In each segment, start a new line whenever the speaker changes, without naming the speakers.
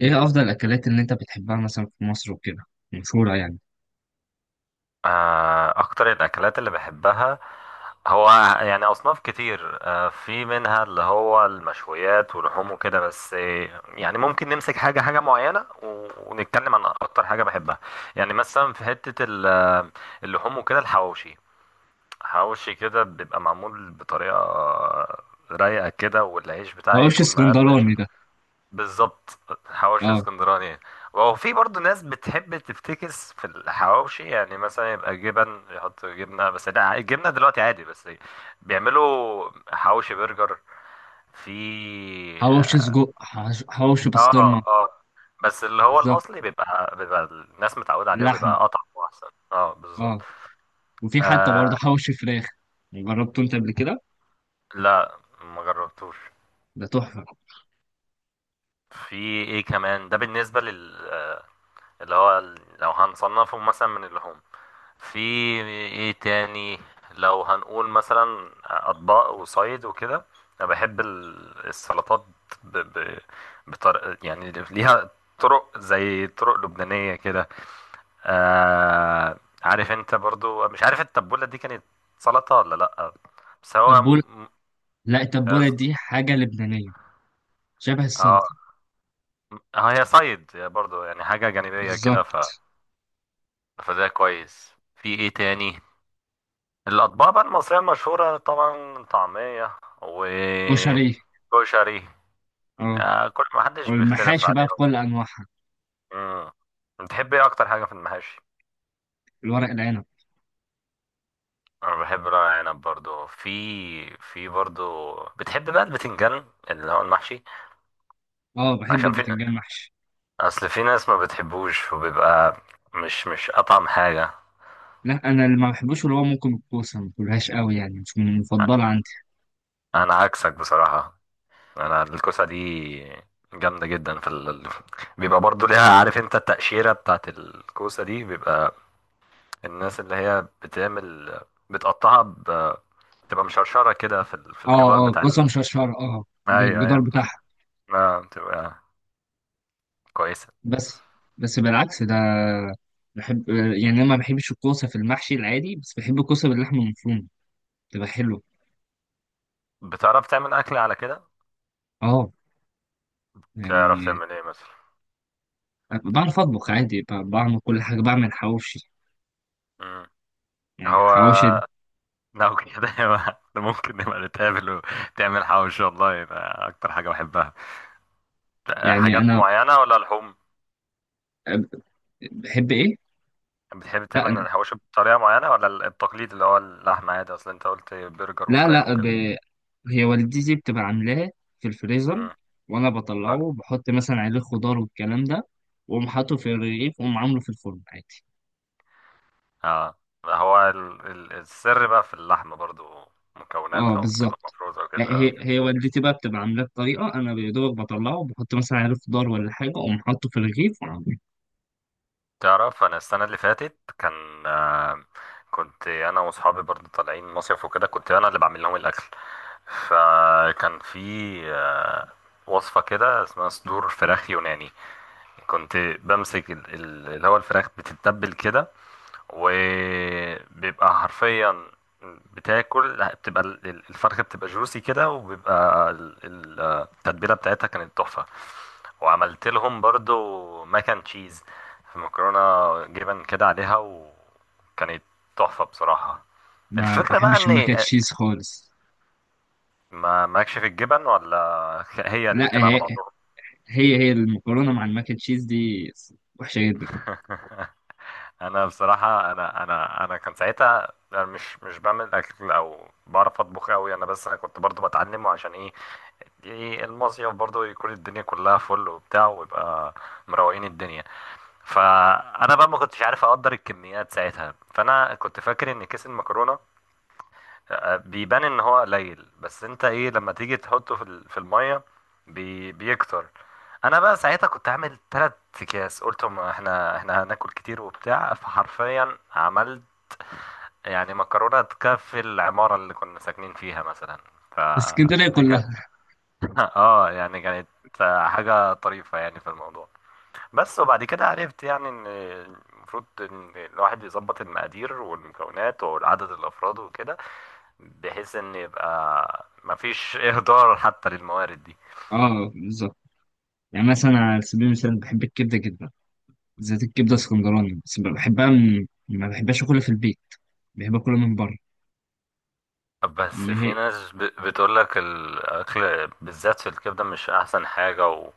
ايه افضل الاكلات اللي انت بتحبها مثلا في مصر وكده مشهوره يعني؟
اكتر الاكلات اللي بحبها هو يعني اصناف كتير، في منها اللي هو المشويات ولحوم وكده بس، يعني ممكن نمسك حاجه معينه ونتكلم عن اكتر حاجه بحبها. يعني مثلا في حته اللحوم وكده الحواوشي. حواوشي كده بيبقى معمول بطريقه، رايقه كده والعيش بتاعي
حواوشي
يكون مقرمش.
اسكندراني ده؟
بالظبط، حواوشي
اه.
اسكندراني يعني. وفي برضه ناس بتحب تفتكس في الحواوشي، يعني مثلا يبقى جبن يحط جبنه، بس لا الجبنه دلوقتي عادي، بس بيعملوا حواوشي برجر في.
حواوشي سجق، حواوشي
اه،
بسطرمه.
اه، بس اللي هو
بالظبط،
الاصلي بيبقى الناس متعوده عليه
لحم.
وبيبقى اطعم واحسن. اه بالظبط.
اه. وفي حتى
آه.
برضه حواوشي فراخ، جربته انت قبل كده؟
لا، ما جربتوش.
ده تحفه.
في ايه كمان ده بالنسبه لل اللي هو لو هنصنفه مثلا من اللحوم في ايه تاني؟ لو هنقول مثلا اطباق وصيد وكده، انا بحب السلطات. ب... ب... يعني ليها طرق، زي طرق لبنانية كده. عارف انت برضو، مش عارف التبولة دي كانت سلطة ولا لأ، بس هو
تبوله؟ لا،
هي
التبوله
ص-
دي حاجه لبنانيه، شبه السلطه.
اه اه، هي صيد برضو يعني، حاجة جانبية كده.
بالظبط.
فده كويس. في ايه تاني؟ الأطباق بقى المصرية المشهورة طبعا طعمية وكشري،
وشريه، اه.
يعني كل ما حدش بيختلف
والمحاشي بقى
عليهم.
بكل انواعها.
امم بتحب ايه أكتر حاجة في المحاشي؟
الورق العنب.
أنا بحب ورق عنب برضو، في في برضو بتحب بقى البتنجان اللي هو المحشي،
اه بحب
عشان في
البتنجان محشي.
أصل في ناس ما بتحبوش وبيبقى مش أطعم حاجة.
لا انا اللي ما بحبوش اللي هو ممكن الكوسه، ما باكلهاش قوي، يعني مش من المفضله عندي.
أنا عكسك بصراحة، أنا الكوسة دي جامدة جدا. بيبقى برضو ليها، عارف انت التقشيرة بتاعت الكوسة دي، بيبقى الناس اللي هي بتعمل بتقطعها. بتبقى مشرشرة كده في في
اه
الجدار
اه
بتاع
قسم
ال...
شرشر، اه
ايوه
بالجدار
ايوه
بتاعها.
آه، بتبقى كويسة.
بس، بالعكس ده، بحب يعني، انا ما بحبش الكوسه في المحشي العادي، بس بحب الكوسه باللحمه المفرومه، بتبقى حلوه.
بتعرف تعمل أكل على كده؟
اه
تعرف
يعني
تعمل ايه مثلا؟
بعرف اطبخ عادي، بعمل كل حاجه، بعمل حواوشي.
مم.
يعني
هو
حواوشي.
لو كده يبقى ممكن نبقى نتقابل وتعمل حواوشي والله، يبقى أكتر حاجة بحبها.
يعني
حاجات
انا
معينة ولا لحوم؟
بحب ايه.
بتحب
لا
تعمل
انا،
الحواوشي بطريقة معينة، ولا التقليد اللي هو اللحمة عادي، أصل أنت قلت برجر
لا
وفراخ
لا،
وكده؟
هي والدتي بتبقى عاملاه في الفريزر،
مم.
وانا بطلعه بحط مثلا عليه خضار والكلام ده، واقوم حاطه في الرغيف واقوم عامله في الفرن عادي.
اه، هو السر بقى في اللحمة برضو،
اه
مكوناتها وبتبقى
بالظبط.
مفروزة وكده
هي
آه.
هي والدتي بقى بتبقى عاملاه بطريقه، انا يا دوبك بطلعه بحط مثلا عليه خضار ولا حاجه، اقوم حاطه في الرغيف وعامله.
تعرف انا السنة اللي فاتت كان، كنت انا واصحابي برضو طالعين مصيف وكده، كنت انا اللي بعمل لهم الاكل، فكان في آه، وصفة كده اسمها صدور فراخ يوناني. كنت بمسك اللي هو الفراخ بتتبل كده، وبيبقى حرفيا بتاكل، بتبقى الفرخة بتبقى جوسي كده، وبيبقى التتبيلة بتاعتها كانت تحفة. وعملت لهم برضو ماكن تشيز، في مكرونة جبن كده عليها، وكانت تحفة بصراحة.
ما
الفكرة بقى
بحبش
ان
الماك أند
آه،
تشيز خالص.
ما ماكش في الجبن ولا هي
لا
الاتنين
هي،
على بعضهم.
هي المكرونه مع الماك أند تشيز دي وحشه جدا.
انا بصراحه، انا كان ساعتها أنا مش بعمل اكل او بعرف اطبخ قوي انا، بس انا كنت برضو بتعلمه، عشان ايه؟ ايه المصيف برضو يكون الدنيا كلها فل وبتاع، ويبقى مروقين الدنيا. فانا بقى ما كنتش عارف اقدر الكميات ساعتها، فانا كنت فاكر ان كيس المكرونه بيبان ان هو قليل، بس انت ايه لما تيجي تحطه في الميه بيكتر. انا بقى ساعتها كنت عامل تلات اكياس، قلت ما احنا هناكل كتير وبتاع، فحرفيا عملت يعني مكرونه تكفي العماره اللي كنا ساكنين فيها مثلا.
في اسكندريه
فدي كانت
كلها.
اه يعني كانت حاجه طريفه يعني في الموضوع. بس وبعد كده عرفت يعني ان المفروض ان الواحد يظبط المقادير والمكونات وعدد الافراد وكده، بحيث ان يبقى مفيش اهدار حتى للموارد دي.
اه بالظبط. يعني مثلا على سبيل المثال، بحب الكبده جدا، بالذات الكبده اسكندراني، بس بحبها من، ما بحبهاش اكلها في البيت، بحب اكلها من بره.
بس
اللي
في
هي.
ناس بتقولك الاكل بالذات في الكبده مش احسن حاجه.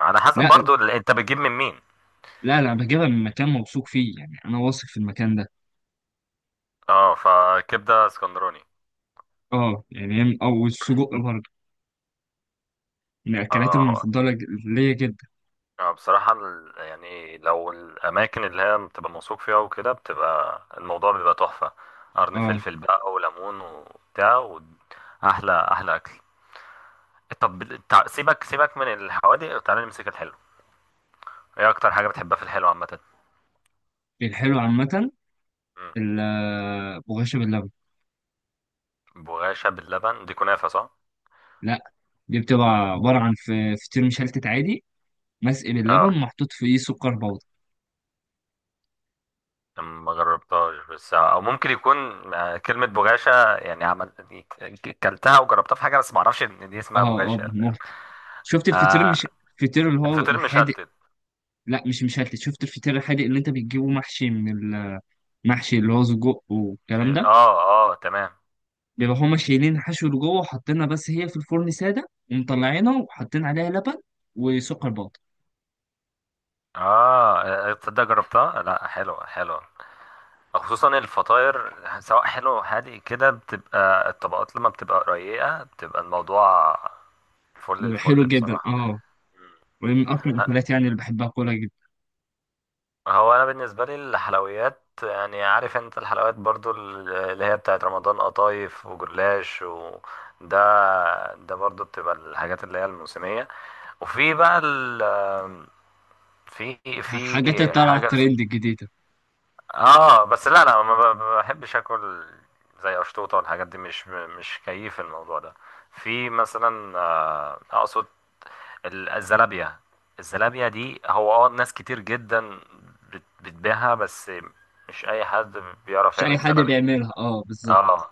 على حسب
لا،
برضو انت بتجيب من مين.
لا بجيبها من مكان موثوق فيه، يعني انا واثق في المكان ده.
اه، فكبده اسكندراني.
اه يعني هي او السجق برضه من الاكلات
اه
المفضله ليا جدا.
آه، بصراحة يعني لو الأماكن اللي هي بتبقى موثوق فيها وكده، بتبقى الموضوع بيبقى تحفة. قرن
اه.
فلفل بقى وليمون وبتاع، وأحلى أحلى أكل. طب سيبك من الحوادق وتعالى نمسك الحلو. إيه أكتر حاجة بتحبها في الحلو عامة؟
الحلو عامه.
مم.
البغاشة باللبن.
بغاشة باللبن دي كنافة صح؟
لا، دي بتبقى عباره عن فطير مشلتت عادي، مسقي
اه،
باللبن، محطوط فيه سكر بودر.
ما جربتهاش، بس او ممكن يكون، كلمة بغاشة يعني عمل كلتها وجربتها في حاجة، بس ما اعرفش ان دي اسمها
اه اه
بغاشة، فاهم؟
بالمهر. شفت الفطير
آه.
مش، الفطير اللي هو
فطير
الحادق.
مشلتت.
لا مش مشلتت. شفت الفطير الحادق اللي انت بتجيبه محشي من، المحشي اللي هو سجق والكلام ده،
اه، اه تمام.
بيبقى هما شايلين الحشو اللي جوه وحاطينها، بس هي في الفرن ساده ومطلعينها وحاطين عليها لبن وسكر بودر.
اه، تصدق جربتها، لا حلوة حلوة، خصوصا الفطاير. سواء حلو حادق كده، بتبقى الطبقات لما بتبقى رقيقة، بتبقى الموضوع فل
بيبقى حلو
الفل
جدا
بصراحة.
اه.
مم.
ومن اكتر الاكلات يعني اللي بحبها كولا جدا.
هو انا بالنسبة لي الحلويات، يعني عارف انت الحلويات برضو اللي هي بتاعت رمضان، قطايف وجلاش و ده ده برضو بتبقى الحاجات اللي هي الموسمية. وفي بقى ال في في
حاجات اللي طالعه
حاجة.
ترند جديده.
اه بس لا انا ما بحبش اكل زي اشطوطه والحاجات دي، مش كيف الموضوع ده. في مثلا، اقصد الزلابيه. الزلابيه دي هو اه ناس كتير جدا بتبيعها، بس مش اي حد بيعرف
مش اي
يعمل
حد
زلابيه.
بيعملها اه بالظبط.
اه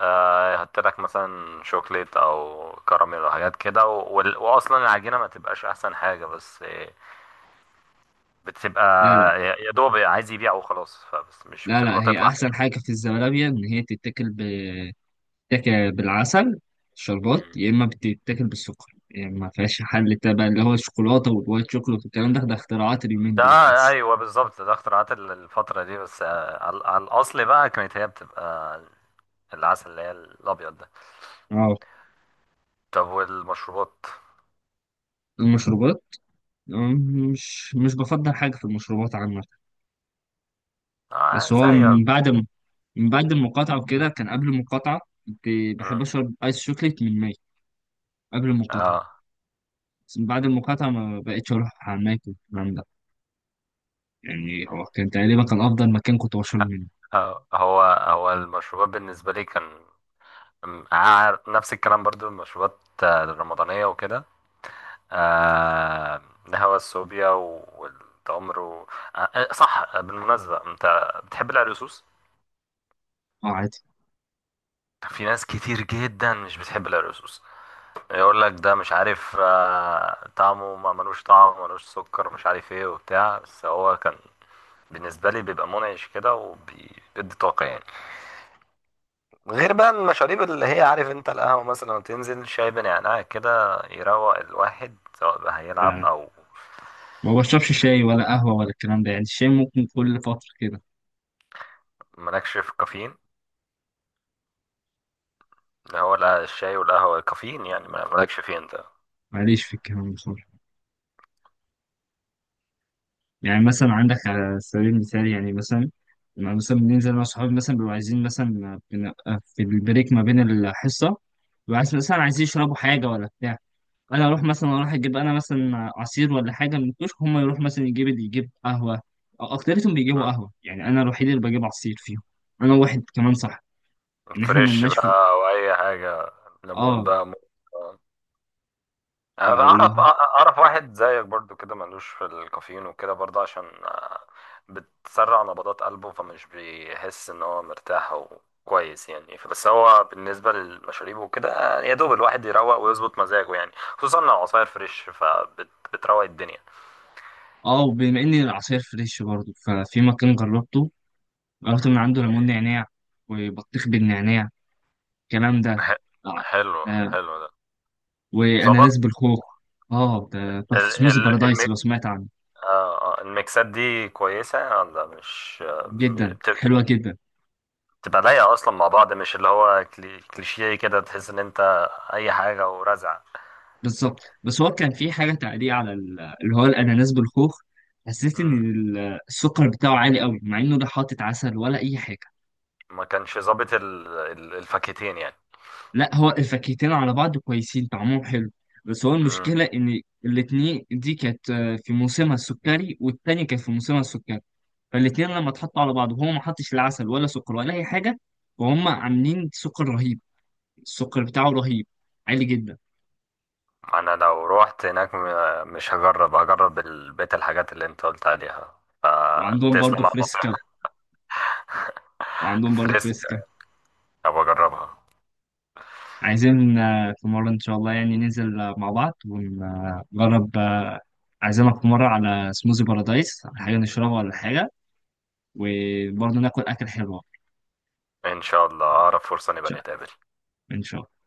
آه، يحط لك مثلا شوكليت او كراميل او حاجات كده، وال- واصلا العجينه ما تبقاش احسن حاجه، بس، بتبقى
لا، لا
يا يا دوب عايز يبيع وخلاص، فبس مش
لا لا
بتبقى
هي
تطلع
احسن حاجه في الزلابيه ان هي تتاكل بالعسل شربات،
حلوة.
يا اما بتتاكل بالسكر. يعني ما فيهاش حل تبع اللي هو الشوكولاته والوايت شوكولات والكلام ده، ده اختراعات اليومين
ده
دول بس.
ايوه بالظبط، ده اختراعات الفتره دي، بس، على على الاصل بقى كانت هي بتبقى العسل اللي هي الابيض ده.
اه.
طب والمشروبات؟
المشروبات. أم، مش، بفضل حاجه في المشروبات عامه.
آه
بس هو
زي
من بعد، من بعد المقاطعة وكده، كان قبل المقاطعة كنت بحب
مم.
أشرب آيس شوكليت من ماي قبل المقاطعة.
اه
بس من بعد المقاطعة ما بقتش أروح على ماي والكلام ده. يعني هو كان تقريبا كان أفضل مكان كنت بشرب منه.
آه، هو المشروبات بالنسبه لي كان نفس الكلام برضو. المشروبات، الرمضانيه وكده، آه، الهوا الصوبيا والتمر. آه، صح بالمناسبه، انت بتحب العرقسوس؟
أه عادي.
في ناس كتير جدا مش بتحب العرقسوس، يقول لك ده مش عارف، طعمه ما ملوش طعم، ملوش سكر، مش عارف ايه وبتاع، بس هو كان بالنسبة لي بيبقى منعش كده، وبيدي طاقة يعني. غير بقى المشاريب اللي هي عارف انت، القهوة مثلا تنزل شاي بنعناع كده، يروق الواحد سواء بقى هيلعب
لا،
او
ما بشربش شاي ولا قهوة ولا الكلام ده، يعني الشاي ممكن كل فترة كده.
مالكش في كافيين. اللي هو لا الشاي والقهوة كافيين يعني، ما- مالكش فيه انت؟
ماليش في الكلام ده خالص. يعني مثلا عندك على سبيل المثال، يعني مثلا لما مثلا بننزل أنا وصحابي، مثلا بنبقى عايزين، مثلا بنبقى في البريك ما بين الحصة، بيبقوا عايز-، مثلا عايزين يشربوا حاجة ولا بتاع. انا اروح مثلا، اروح اجيب انا مثلا عصير ولا حاجه من الكشك، هم يروح مثلا يجيب اللي يجيب قهوه، أو اكتريتهم بيجيبوا
مم.
قهوه. يعني انا الوحيد اللي بجيب عصير فيهم. انا واحد كمان صح، ان احنا
فريش
ملناش في،
بقى او اي حاجة، ليمون
اه
بقى، موز. انا
اللي
اعرف
هو،
واحد زيك برضو كده ملوش في الكافيين وكده، برضو عشان، بتسرع نبضات قلبه، فمش بيحس ان هو مرتاح وكويس يعني. بس هو بالنسبه للمشاريب وكده، يا دوب الواحد يروق ويظبط مزاجه يعني، خصوصا لو عصاير فريش، فبتروق الدنيا.
اه. وبما ان العصير فريش برضه، ففي مكان جربته، جربت من عنده ليمون نعناع وبطيخ بالنعناع، الكلام ده.
ح-
آه.
حلو
آه.
حلو ده. ظبط.
واناناس بالخوخ. اه ده
ال
تحفه، سموز
ال
بارادايس لو سمعت عنه.
الميكسات دي كويسه ولا مش؟
جدا حلوه جدا.
تبقى لايقة أصلا مع بعض، مش اللي هو كليشيه كده تحس إن أنت أي حاجة ورزع.
بالظبط. بس هو كان في حاجه تعليق على اللي هو الاناناس بالخوخ، حسيت ان
مم.
السكر بتاعه عالي قوي، مع انه ده حاطط عسل ولا اي حاجه.
ما كانش ظابط الفاكهتين يعني.
لا هو الفاكهتين على بعض كويسين، طعمهم حلو، بس هو
مم.
المشكله ان الاتنين دي كانت في موسمها السكري، والتانية كانت في موسمها السكري، فالاتنين لما اتحطوا على بعض، وهو ما حطش لا عسل ولا سكر ولا اي حاجه، وهم عاملين سكر رهيب. السكر بتاعه رهيب، عالي جدا.
أنا لو روحت هناك مش هجرب، هجرب بقية الحاجات اللي أنت قلت عليها،
وعندهم برضه
فتسلم على
فريسكا.
النصيحة.
وعندهم برضه
فريسك،
فريسكا.
أبقى أجربها.
عايزين في مرة إن شاء الله، يعني ننزل مع بعض ونجرب عايزينك في مرة على سموزي بارادايس، حاجة نشربها ولا حاجة، وبرضه ناكل أكل حلو.
إن شاء الله أقرب فرصة نبقى
شاء
نتقابل.
إن شاء الله.